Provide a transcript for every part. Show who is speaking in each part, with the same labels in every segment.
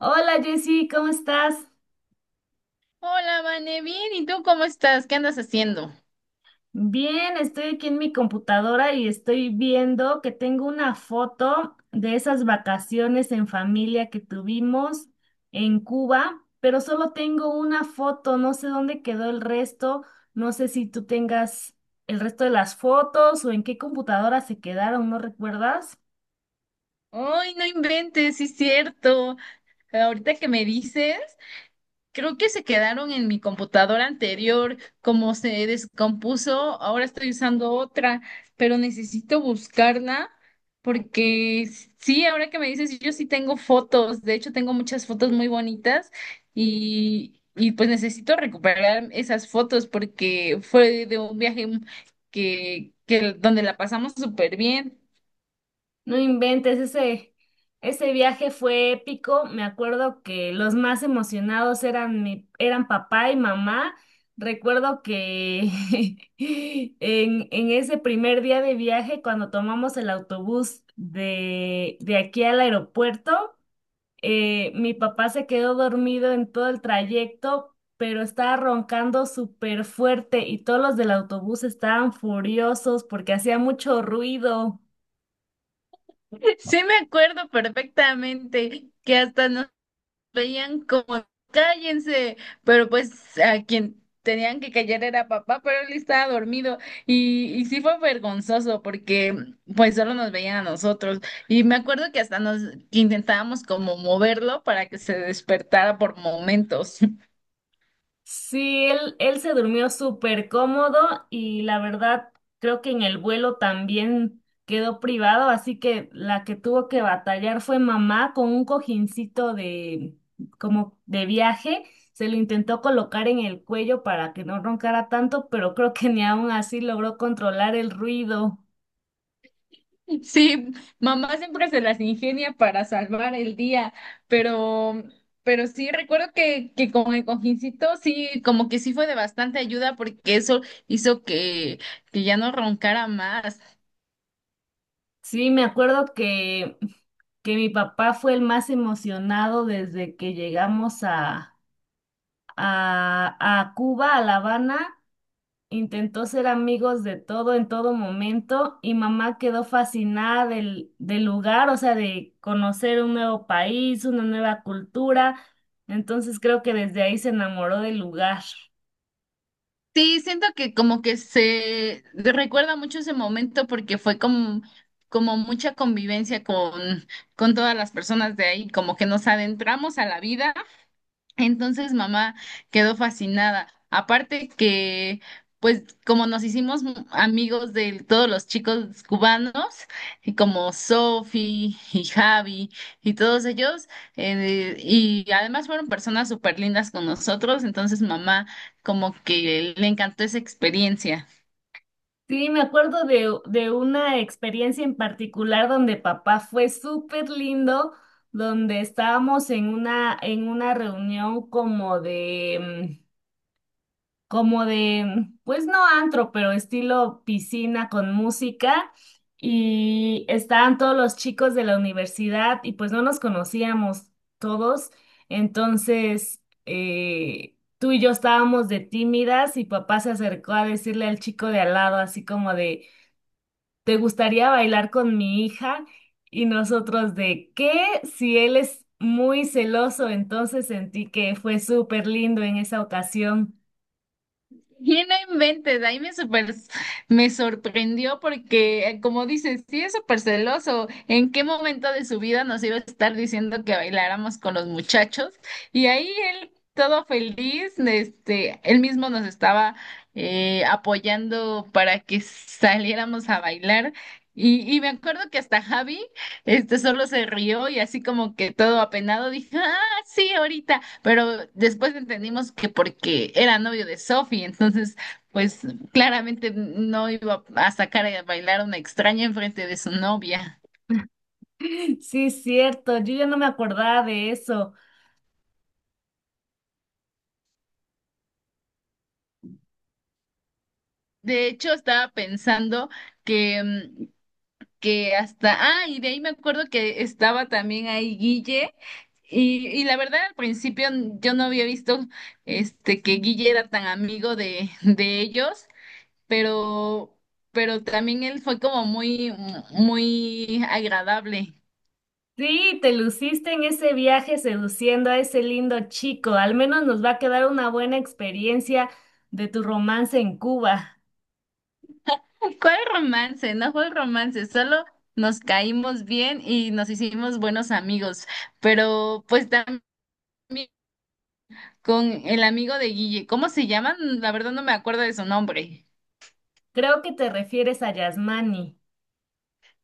Speaker 1: Hola Jessy, ¿cómo estás?
Speaker 2: Hola, Vane, bien, ¿y tú cómo estás? ¿Qué andas haciendo?
Speaker 1: Bien, estoy aquí en mi computadora y estoy viendo que tengo una foto de esas vacaciones en familia que tuvimos en Cuba, pero solo tengo una foto, no sé dónde quedó el resto, no sé si tú tengas el resto de las fotos o en qué computadora se quedaron, ¿no recuerdas?
Speaker 2: Ay, no inventes, sí es cierto. Ahorita que me dices, creo que se quedaron en mi computadora anterior, como se descompuso, ahora estoy usando otra, pero necesito buscarla porque sí, ahora que me dices, yo sí tengo fotos, de hecho tengo muchas fotos muy bonitas y pues necesito recuperar esas fotos porque fue de un viaje que donde la pasamos súper bien.
Speaker 1: No inventes, ese viaje fue épico. Me acuerdo que los más emocionados eran eran papá y mamá. Recuerdo que en ese primer día de viaje, cuando tomamos el autobús de aquí al aeropuerto, mi papá se quedó dormido en todo el trayecto, pero estaba roncando súper fuerte y todos los del autobús estaban furiosos porque hacía mucho ruido.
Speaker 2: Sí, me acuerdo perfectamente que hasta nos veían como cállense, pero pues a quien tenían que callar era papá, pero él estaba dormido y sí fue vergonzoso porque pues solo nos veían a nosotros y me acuerdo que hasta nos que intentábamos como moverlo para que se despertara por momentos.
Speaker 1: Sí, él se durmió súper cómodo y la verdad creo que en el vuelo también quedó privado, así que la que tuvo que batallar fue mamá con un cojincito de como de viaje, se lo intentó colocar en el cuello para que no roncara tanto, pero creo que ni aún así logró controlar el ruido.
Speaker 2: Sí, mamá siempre se las ingenia para salvar el día, pero, pero sí recuerdo que con el cojincito sí, como que sí fue de bastante ayuda porque eso hizo que ya no roncara más.
Speaker 1: Sí, me acuerdo que mi papá fue el más emocionado desde que llegamos a, a Cuba, a La Habana. Intentó ser amigos de todo en todo momento y mamá quedó fascinada del lugar, o sea, de conocer un nuevo país, una nueva cultura. Entonces creo que desde ahí se enamoró del lugar.
Speaker 2: Sí, siento que como que se recuerda mucho ese momento porque fue como, como mucha convivencia con todas las personas de ahí, como que nos adentramos a la vida. Entonces mamá quedó fascinada. Aparte que, pues como nos hicimos amigos de todos los chicos cubanos, y como Sofi y Javi y todos ellos, y además fueron personas súper lindas con nosotros, entonces mamá como que le encantó esa experiencia.
Speaker 1: Sí, me acuerdo de una experiencia en particular donde papá fue súper lindo, donde estábamos en en una reunión como de... como de, pues no antro, pero estilo piscina con música. Y estaban todos los chicos de la universidad y pues no nos conocíamos todos. Entonces, tú y yo estábamos de tímidas y papá se acercó a decirle al chico de al lado, así como de, ¿te gustaría bailar con mi hija? Y nosotros de, ¿qué? Si él es muy celoso, entonces sentí que fue súper lindo en esa ocasión.
Speaker 2: Y no inventes, ahí me me sorprendió porque, como dices, sí es súper celoso. ¿En qué momento de su vida nos iba a estar diciendo que bailáramos con los muchachos? Y ahí él, todo feliz, este, él mismo nos estaba apoyando para que saliéramos a bailar. Y me acuerdo que hasta Javi, este, solo se rió y así como que todo apenado dije, sí, ahorita, pero después entendimos que porque era novio de Sophie, entonces, pues claramente no iba a sacar a bailar a una extraña enfrente de su novia.
Speaker 1: Sí, es cierto, yo ya no me acordaba de eso.
Speaker 2: De hecho, estaba pensando que, que hasta, ah, y de ahí me acuerdo que estaba también ahí Guille, y la verdad al principio yo no había visto este que Guille era tan amigo de ellos, pero, pero también él fue como muy, muy agradable.
Speaker 1: Sí, te luciste en ese viaje seduciendo a ese lindo chico. Al menos nos va a quedar una buena experiencia de tu romance en Cuba.
Speaker 2: ¿Cuál romance? No fue romance, solo nos caímos bien y nos hicimos buenos amigos, pero pues también con el amigo de Guille, ¿cómo se llaman? La verdad no me acuerdo de su nombre.
Speaker 1: Creo que te refieres a Yasmani.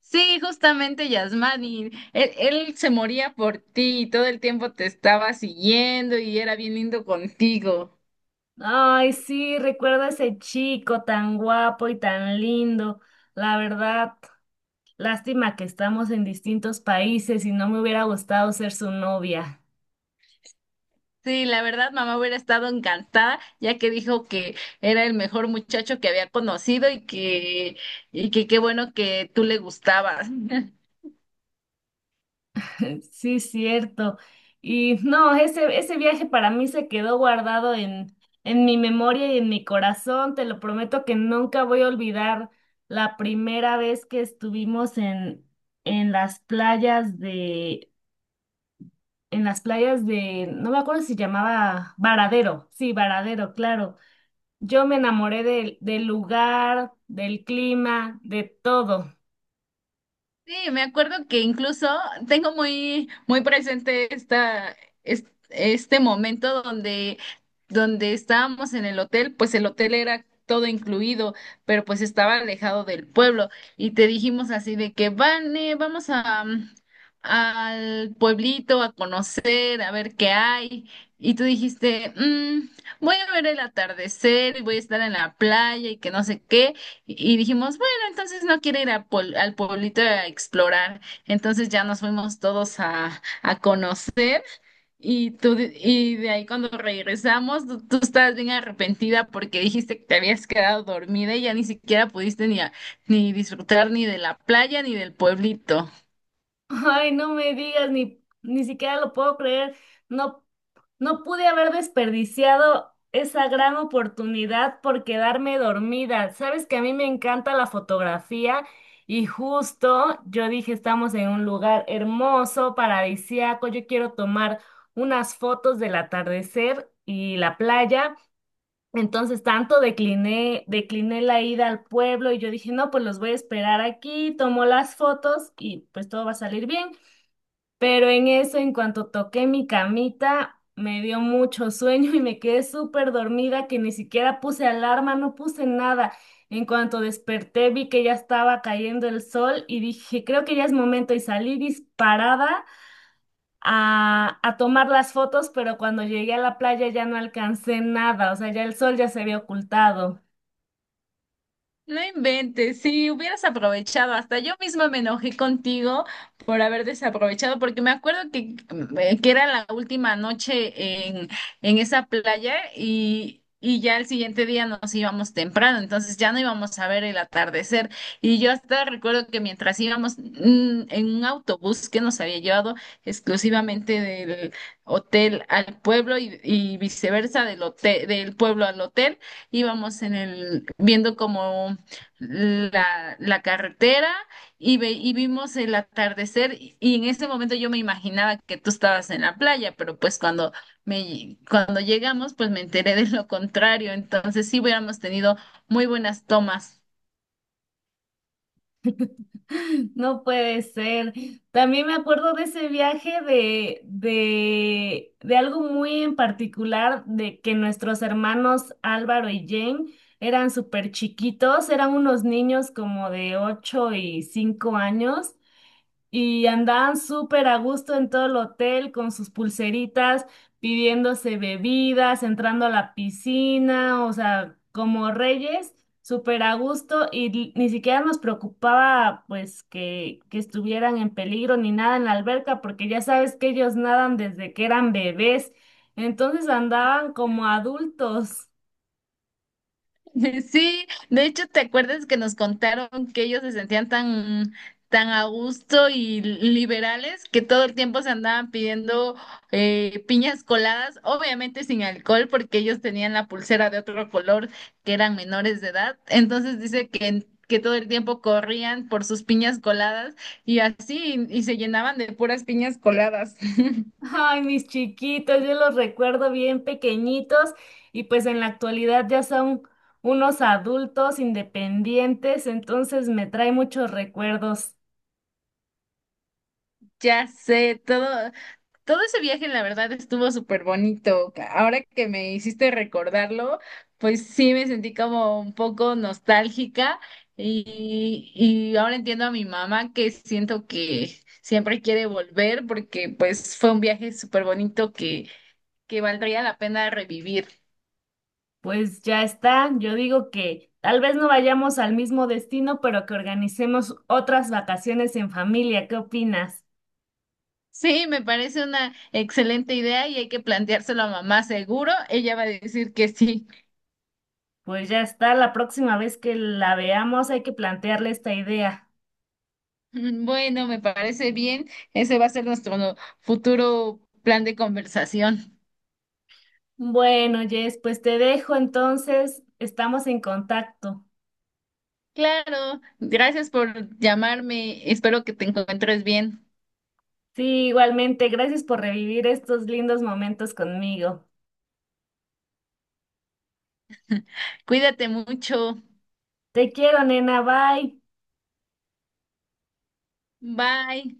Speaker 2: Sí, justamente Yasmani, él se moría por ti y todo el tiempo te estaba siguiendo y era bien lindo contigo.
Speaker 1: Ay, sí, recuerdo a ese chico tan guapo y tan lindo. La verdad, lástima que estamos en distintos países y no me hubiera gustado ser su novia.
Speaker 2: Sí, la verdad, mamá hubiera estado encantada, ya que dijo que era el mejor muchacho que había conocido y que qué bueno que tú le gustabas.
Speaker 1: Sí, cierto. Y no, ese viaje para mí se quedó guardado en mi memoria y en mi corazón. Te lo prometo que nunca voy a olvidar la primera vez que estuvimos en las playas de, en las playas de, no me acuerdo si llamaba Varadero. Sí, Varadero, claro. Yo me enamoré del lugar, del clima, de todo.
Speaker 2: Sí, me acuerdo que incluso tengo muy, muy presente esta, este momento donde, donde estábamos en el hotel, pues el hotel era todo incluido, pero pues estaba alejado del pueblo y te dijimos así de que Vane, vamos a, al pueblito a conocer, a ver qué hay. Y tú dijiste, "Mm, voy a ver el atardecer y voy a estar en la playa y que no sé qué." Y dijimos, entonces no quiere ir a al pueblito a explorar. Entonces ya nos fuimos todos a conocer y y de ahí cuando regresamos tú estabas bien arrepentida porque dijiste que te habías quedado dormida y ya ni siquiera pudiste ni ni disfrutar ni de la playa ni del pueblito.
Speaker 1: Ay, no me digas, ni siquiera lo puedo creer. No, no pude haber desperdiciado esa gran oportunidad por quedarme dormida. Sabes que a mí me encanta la fotografía y justo yo dije, estamos en un lugar hermoso, paradisíaco. Yo quiero tomar unas fotos del atardecer y la playa. Entonces tanto decliné la ida al pueblo y yo dije, no, pues los voy a esperar aquí, tomo las fotos y pues todo va a salir bien. Pero en eso, en cuanto toqué mi camita, me dio mucho sueño y me quedé súper dormida que ni siquiera puse alarma, no puse nada. En cuanto desperté, vi que ya estaba cayendo el sol y dije, creo que ya es momento y salí disparada a tomar las fotos, pero cuando llegué a la playa ya no alcancé nada, o sea, ya el sol ya se había ocultado.
Speaker 2: No inventes, si hubieras aprovechado, hasta yo misma me enojé contigo por haber desaprovechado, porque me acuerdo que era la última noche en esa playa y ya el siguiente día nos íbamos temprano, entonces ya no íbamos a ver el atardecer. Y yo hasta recuerdo que mientras íbamos en un autobús que nos había llevado exclusivamente del hotel al pueblo y viceversa del hotel, del pueblo al hotel, íbamos en el viendo como la carretera y, y vimos el atardecer y en ese momento yo me imaginaba que tú estabas en la playa, pero pues cuando, cuando llegamos pues me enteré de lo contrario, entonces sí hubiéramos tenido muy buenas tomas.
Speaker 1: No puede ser. También me acuerdo de ese viaje de algo muy en particular, de que nuestros hermanos Álvaro y Jane eran súper chiquitos, eran unos niños como de 8 y 5 años, y andaban súper a gusto en todo el hotel con sus pulseritas, pidiéndose bebidas, entrando a la piscina, o sea, como reyes, súper a gusto y ni siquiera nos preocupaba pues que estuvieran en peligro ni nada en la alberca, porque ya sabes que ellos nadan desde que eran bebés, entonces andaban como adultos.
Speaker 2: Sí, de hecho, ¿te acuerdas que nos contaron que ellos se sentían tan, tan a gusto y liberales que todo el tiempo se andaban pidiendo piñas coladas, obviamente sin alcohol, porque ellos tenían la pulsera de otro color, que eran menores de edad? Entonces dice que todo el tiempo corrían por sus piñas coladas y así, y se llenaban de puras piñas coladas.
Speaker 1: Ay, mis chiquitos, yo los recuerdo bien pequeñitos y pues en la actualidad ya son unos adultos independientes, entonces me trae muchos recuerdos.
Speaker 2: Ya sé, todo. Todo ese viaje, la verdad, estuvo súper bonito. Ahora que me hiciste recordarlo, pues sí me sentí como un poco nostálgica y ahora entiendo a mi mamá, que siento que siempre quiere volver porque pues fue un viaje súper bonito que valdría la pena revivir.
Speaker 1: Pues ya está, yo digo que tal vez no vayamos al mismo destino, pero que organicemos otras vacaciones en familia, ¿qué opinas?
Speaker 2: Sí, me parece una excelente idea y hay que planteárselo a mamá seguro. Ella va a decir que sí.
Speaker 1: Pues ya está, la próxima vez que la veamos hay que plantearle esta idea.
Speaker 2: Bueno, me parece bien. Ese va a ser nuestro futuro plan de conversación.
Speaker 1: Bueno, Jess, pues te dejo entonces, estamos en contacto.
Speaker 2: Claro, gracias por llamarme. Espero que te encuentres bien.
Speaker 1: Sí, igualmente, gracias por revivir estos lindos momentos conmigo.
Speaker 2: Cuídate mucho.
Speaker 1: Te quiero, nena, bye.
Speaker 2: Bye.